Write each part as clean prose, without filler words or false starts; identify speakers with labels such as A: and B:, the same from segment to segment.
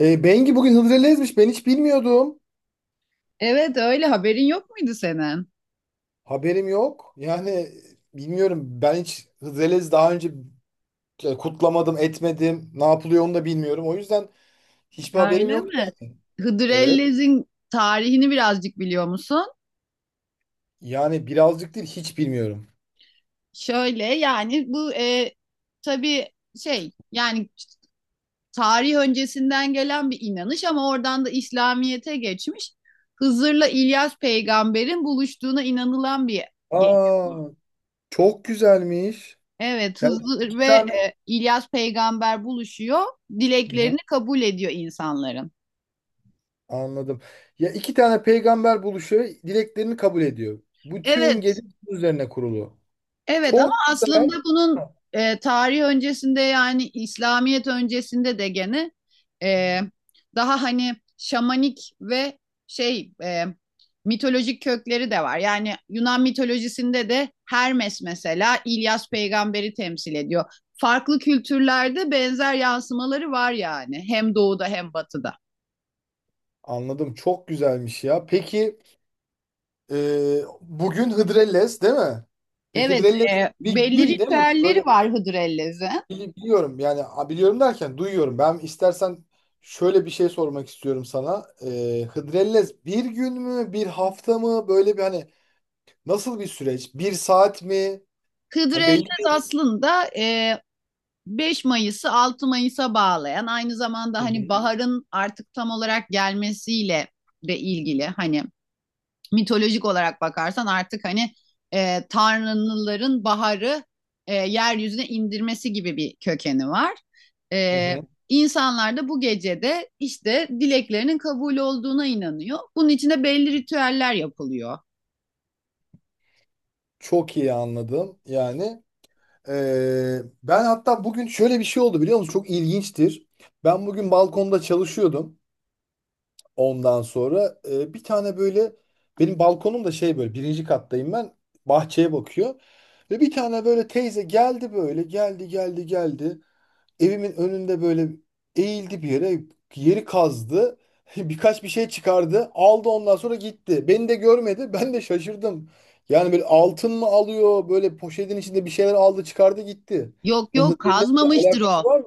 A: Bengi bugün Hıdrellez'miş. Ben hiç bilmiyordum.
B: Evet öyle haberin yok muydu senin?
A: Haberim yok. Yani bilmiyorum. Ben hiç Hıdrellez daha önce kutlamadım, etmedim. Ne yapılıyor onu da bilmiyorum. O yüzden hiçbir haberim
B: Öyle
A: yok
B: mi?
A: yani.
B: Hıdır
A: Evet.
B: Ellez'in tarihini birazcık biliyor musun?
A: Yani birazcık değil, hiç bilmiyorum.
B: Şöyle yani bu tabii şey yani tarih öncesinden gelen bir inanış ama oradan da İslamiyet'e geçmiş. Hızır'la İlyas peygamberin buluştuğuna inanılan bir gece
A: Aa,
B: bu.
A: çok güzelmiş.
B: Evet
A: Yani
B: Hızır
A: iki
B: ve
A: tane.
B: İlyas peygamber buluşuyor.
A: Hı hı,
B: Dileklerini kabul ediyor insanların.
A: anladım. Ya iki tane peygamber buluşuyor, dileklerini kabul ediyor. Bütün
B: Evet
A: gece bunun üzerine kurulu.
B: Evet, ama
A: Çok güzel.
B: aslında bunun tarih öncesinde yani İslamiyet öncesinde de gene e, daha hani şamanik ve şey mitolojik kökleri de var. Yani Yunan mitolojisinde de Hermes mesela İlyas peygamberi temsil ediyor. Farklı kültürlerde benzer yansımaları var yani hem doğuda hem batıda.
A: Anladım. Çok güzelmiş ya. Peki. Bugün Hıdrellez değil mi? Peki
B: Evet,
A: Hıdrellez bir
B: belli
A: gün değil mi?
B: ritüelleri
A: Öyle
B: var Hıdrellez'in.
A: biliyorum yani, a, biliyorum derken duyuyorum. Ben istersen şöyle bir şey sormak istiyorum sana. Hıdrellez bir gün mü bir hafta mı böyle bir, hani nasıl bir süreç? Bir saat mi? Hani belli
B: Hıdrellez aslında 5 Mayıs'ı 6 Mayıs'a bağlayan, aynı zamanda hani
A: değil.
B: baharın artık tam olarak gelmesiyle de ilgili. Hani mitolojik olarak bakarsan artık hani tanrıların baharı yeryüzüne indirmesi gibi bir kökeni var.
A: Hı hı.
B: E,
A: Hı hı.
B: insanlar da bu gecede işte dileklerinin kabul olduğuna inanıyor. Bunun için de belli ritüeller yapılıyor.
A: Çok iyi anladım yani. Ben hatta bugün şöyle bir şey oldu biliyor musun? Çok ilginçtir. Ben bugün balkonda çalışıyordum. Ondan sonra bir tane böyle, benim balkonum da şey, böyle birinci kattayım ben, bahçeye bakıyor. Ve bir tane böyle teyze geldi, böyle geldi geldi geldi. Evimin önünde böyle eğildi bir yere, yeri kazdı. Birkaç bir şey çıkardı, aldı, ondan sonra gitti. Beni de görmedi, ben de şaşırdım. Yani böyle altın mı alıyor, böyle poşetin içinde bir şeyler aldı, çıkardı, gitti.
B: Yok
A: Bunun
B: yok,
A: hızıyla
B: kazmamıştır
A: alakası
B: o.
A: var mı?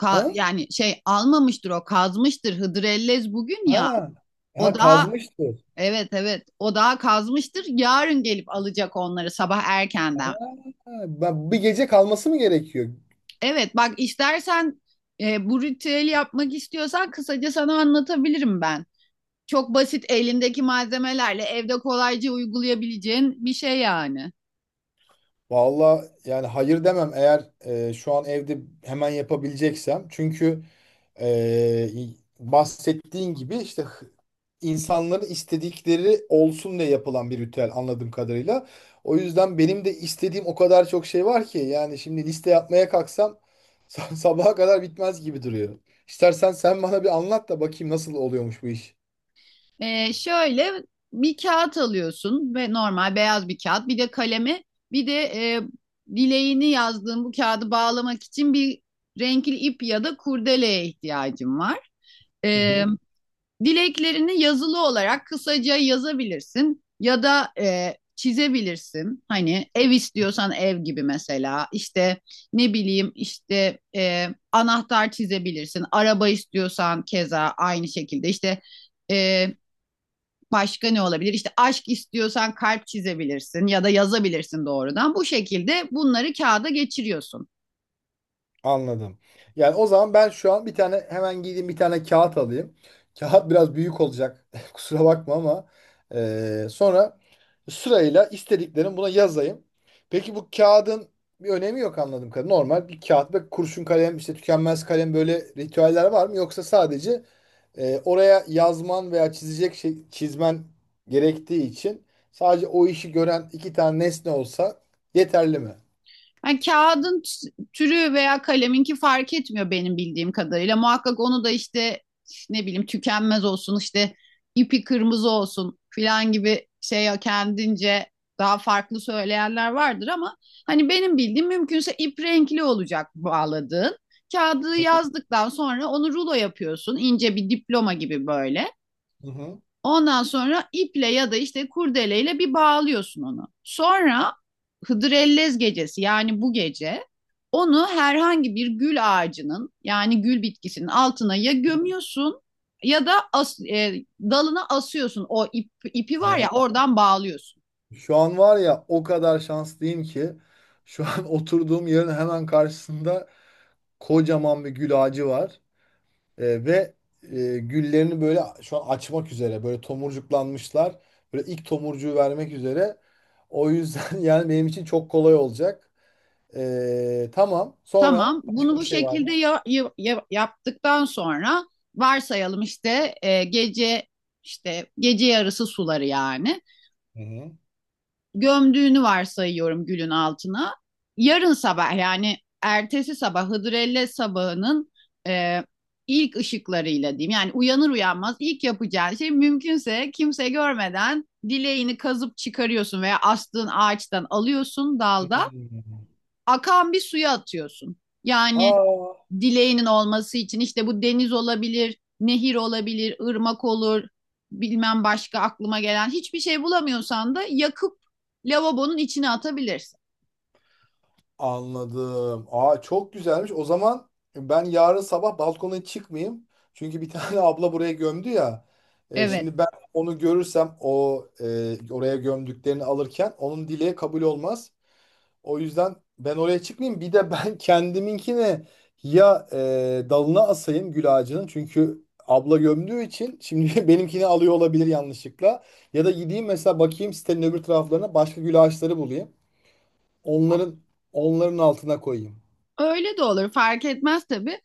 A: Ha?
B: Yani şey, almamıştır o, kazmıştır. Hıdrellez bugün ya.
A: Ha.
B: O
A: Ha,
B: daha,
A: kazmıştı.
B: evet evet, o daha kazmıştır. Yarın gelip alacak onları sabah erkenden.
A: Ha, ben bir gece kalması mı gerekiyor?
B: Evet, bak istersen bu ritüeli yapmak istiyorsan kısaca sana anlatabilirim ben. Çok basit, elindeki malzemelerle evde kolayca uygulayabileceğin bir şey yani.
A: Valla yani hayır demem, eğer şu an evde hemen yapabileceksem. Çünkü e, bahsettiğin gibi işte, insanların istedikleri olsun diye yapılan bir ritüel anladığım kadarıyla. O yüzden benim de istediğim o kadar çok şey var ki, yani şimdi liste yapmaya kalksam sabaha kadar bitmez gibi duruyor. İstersen sen bana bir anlat da bakayım nasıl oluyormuş bu iş.
B: Şöyle, bir kağıt alıyorsun ve normal beyaz bir kağıt, bir de kalemi, bir de dileğini yazdığın bu kağıdı bağlamak için bir renkli ip ya da kurdeleye ihtiyacın var.
A: Hı
B: Ee,
A: hı.
B: Dileklerini yazılı olarak kısaca yazabilirsin ya da çizebilirsin. Hani ev istiyorsan ev gibi mesela, işte ne bileyim, işte anahtar çizebilirsin. Araba istiyorsan keza aynı şekilde, işte e, başka ne olabilir? İşte aşk istiyorsan kalp çizebilirsin ya da yazabilirsin doğrudan. Bu şekilde bunları kağıda geçiriyorsun.
A: Anladım. Yani o zaman ben şu an bir tane hemen gideyim, bir tane kağıt alayım. Kağıt biraz büyük olacak. Kusura bakma ama sonra sırayla istediklerimi buna yazayım. Peki bu kağıdın bir önemi yok anladım kadarıyla. Normal bir kağıt ve kurşun kalem, işte tükenmez kalem, böyle ritüeller var mı? Yoksa sadece oraya yazman veya çizecek şey çizmen gerektiği için, sadece o işi gören iki tane nesne olsa yeterli mi?
B: Yani kağıdın türü veya kaleminki fark etmiyor benim bildiğim kadarıyla. Muhakkak onu da işte ne bileyim, tükenmez olsun işte, ipi kırmızı olsun filan gibi şey, kendince daha farklı söyleyenler vardır ama hani benim bildiğim, mümkünse ip renkli olacak bağladığın. Kağıdı yazdıktan sonra onu rulo yapıyorsun, ince bir diploma gibi böyle.
A: Hı hı.
B: Ondan sonra iple ya da işte kurdeleyle bir bağlıyorsun onu. Sonra Hıdrellez gecesi, yani bu gece, onu herhangi bir gül ağacının yani gül bitkisinin altına ya gömüyorsun ya da dalına asıyorsun. O ip, ipi var ya, oradan bağlıyorsun.
A: Şu an var ya, o kadar şanslıyım ki şu an oturduğum yerin hemen karşısında kocaman bir gül ağacı var. Ve güllerini böyle şu an açmak üzere, böyle tomurcuklanmışlar. Böyle ilk tomurcuğu vermek üzere. O yüzden yani benim için çok kolay olacak. Tamam. Sonra
B: Tamam. Bunu
A: başka bir
B: bu
A: şey var
B: şekilde
A: mı?
B: yaptıktan sonra, varsayalım işte gece, işte gece yarısı suları yani,
A: Hı hı.
B: gömdüğünü varsayıyorum gülün altına. Yarın sabah, yani ertesi sabah Hıdrellez sabahının e, ilk ışıklarıyla diyeyim. Yani uyanır uyanmaz ilk yapacağın şey, mümkünse kimse görmeden, dileğini kazıp çıkarıyorsun veya astığın ağaçtan alıyorsun dalda,
A: Hmm.
B: akan bir suya atıyorsun. Yani
A: Aa.
B: dileğinin olması için işte, bu deniz olabilir, nehir olabilir, ırmak olur, bilmem, başka aklıma gelen hiçbir şey bulamıyorsan da yakıp lavabonun içine atabilirsin.
A: Anladım. Aa, çok güzelmiş. O zaman ben yarın sabah balkona çıkmayayım. Çünkü bir tane abla buraya gömdü ya. E,
B: Evet,
A: şimdi ben onu görürsem, o oraya gömdüklerini alırken onun dileği kabul olmaz. O yüzden ben oraya çıkmayayım. Bir de ben kendiminkini ya dalına asayım gül ağacının. Çünkü abla gömdüğü için şimdi benimkini alıyor olabilir yanlışlıkla. Ya da gideyim mesela, bakayım sitenin öbür taraflarına, başka gül ağaçları bulayım. Onların Onların altına koyayım.
B: öyle de olur, fark etmez tabii.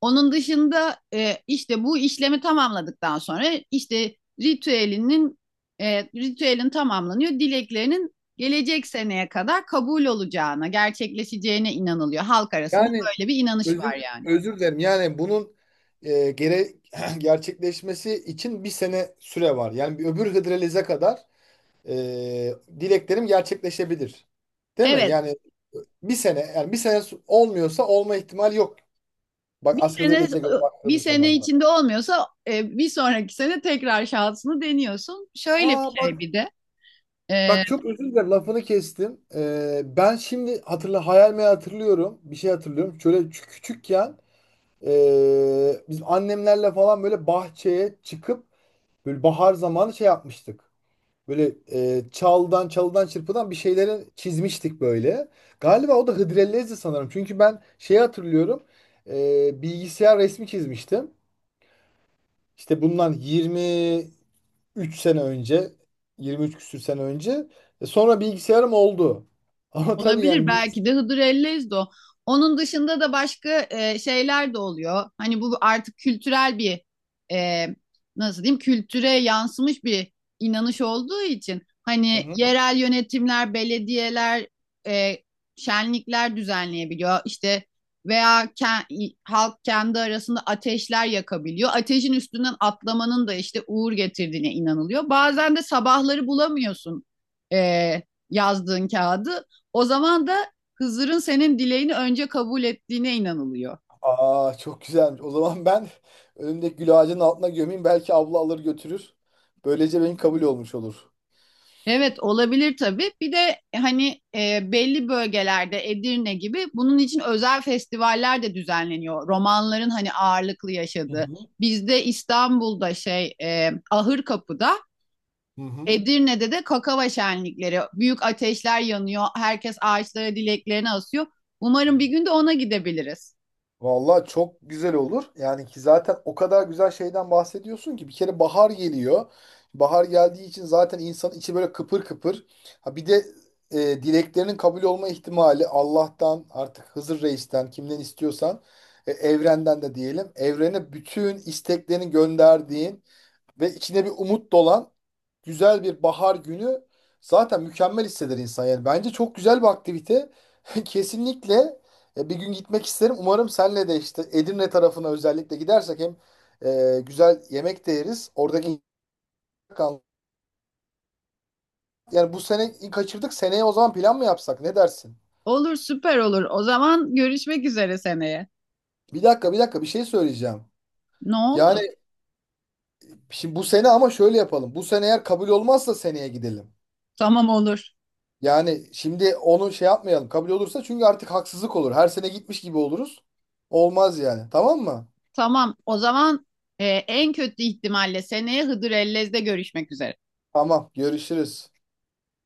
B: Onun dışında işte bu işlemi tamamladıktan sonra işte ritüelinin ritüelin tamamlanıyor. Dileklerinin gelecek seneye kadar kabul olacağına, gerçekleşeceğine inanılıyor. Halk arasında
A: Yani
B: böyle bir inanış var yani.
A: özür dilerim. Yani bunun e, gere gerçekleşmesi için bir sene süre var. Yani bir öbür Hıdrellez'e kadar e, dileklerim gerçekleşebilir. Değil mi?
B: Evet,
A: Yani bir sene, yani bir sene olmuyorsa olma ihtimali yok. Bak
B: Bir
A: as
B: sene
A: Hıdrellez'e göre
B: bir
A: baktığımız
B: sene
A: zaman da.
B: içinde olmuyorsa bir sonraki sene tekrar şansını deniyorsun. Şöyle bir
A: Aa
B: şey
A: bak,
B: bir de. e,
A: bak çok özür dilerim lafını kestim. Ben şimdi hayal meyal hatırlıyorum. Bir şey hatırlıyorum. Şöyle küçükken biz annemlerle falan böyle bahçeye çıkıp, böyle bahar zamanı şey yapmıştık. Böyle çalıdan çırpıdan bir şeyleri çizmiştik böyle. Galiba o da Hıdrellez'di sanırım. Çünkü ben şeyi hatırlıyorum. E, bilgisayar resmi çizmiştim. İşte bundan 23 sene önce. 23 küsür sene önce. E, sonra bilgisayarım oldu. Ama tabii
B: Olabilir,
A: yani bir...
B: belki de Hıdır Ellezdo. Onun dışında da başka şeyler de oluyor. Hani bu artık kültürel bir e, nasıl diyeyim, kültüre yansımış bir inanış olduğu için
A: Hı
B: hani
A: hı.
B: yerel yönetimler, belediyeler e, şenlikler düzenleyebiliyor. İşte veya halk kendi arasında ateşler yakabiliyor. Ateşin üstünden atlamanın da işte uğur getirdiğine inanılıyor. Bazen de sabahları bulamıyorsun e, yazdığın kağıdı. O zaman da Hızır'ın senin dileğini önce kabul ettiğine inanılıyor.
A: Aa, çok güzelmiş. O zaman ben önümdeki gül ağacının altına gömeyim. Belki abla alır götürür. Böylece benim kabul olmuş olur.
B: Evet olabilir tabii. Bir de belli bölgelerde Edirne gibi, bunun için özel festivaller de düzenleniyor. Romanların hani ağırlıklı
A: Hı
B: yaşadığı.
A: hı.
B: Bizde İstanbul'da şey Ahırkapı'da,
A: Hı hı.
B: Edirne'de de kakava şenlikleri. Büyük ateşler yanıyor. Herkes ağaçlara dileklerini asıyor. Umarım bir gün de ona gidebiliriz.
A: Vallahi çok güzel olur. Yani ki zaten o kadar güzel şeyden bahsediyorsun ki, bir kere bahar geliyor. Bahar geldiği için zaten insanın içi böyle kıpır kıpır. Ha bir de dileklerinin kabul olma ihtimali, Allah'tan artık, Hızır Reis'ten, kimden istiyorsan, evrenden de diyelim. Evrene bütün isteklerini gönderdiğin ve içine bir umut dolan güzel bir bahar günü zaten mükemmel hisseder insan. Yani bence çok güzel bir aktivite. Kesinlikle bir gün gitmek isterim. Umarım senle de işte Edirne tarafına özellikle gidersek hem güzel yemek de yeriz. Oradaki, yani bu sene kaçırdık. Seneye o zaman plan mı yapsak? Ne dersin?
B: Olur, süper olur. O zaman görüşmek üzere seneye.
A: Bir dakika, bir dakika, bir şey söyleyeceğim.
B: Ne
A: Yani
B: oldu?
A: şimdi bu sene ama şöyle yapalım. Bu sene eğer kabul olmazsa seneye gidelim.
B: Tamam, olur.
A: Yani şimdi onu şey yapmayalım. Kabul olursa çünkü artık haksızlık olur. Her sene gitmiş gibi oluruz. Olmaz yani. Tamam mı?
B: Tamam. O zaman en kötü ihtimalle seneye Hıdır Ellez'de görüşmek üzere.
A: Tamam. Görüşürüz.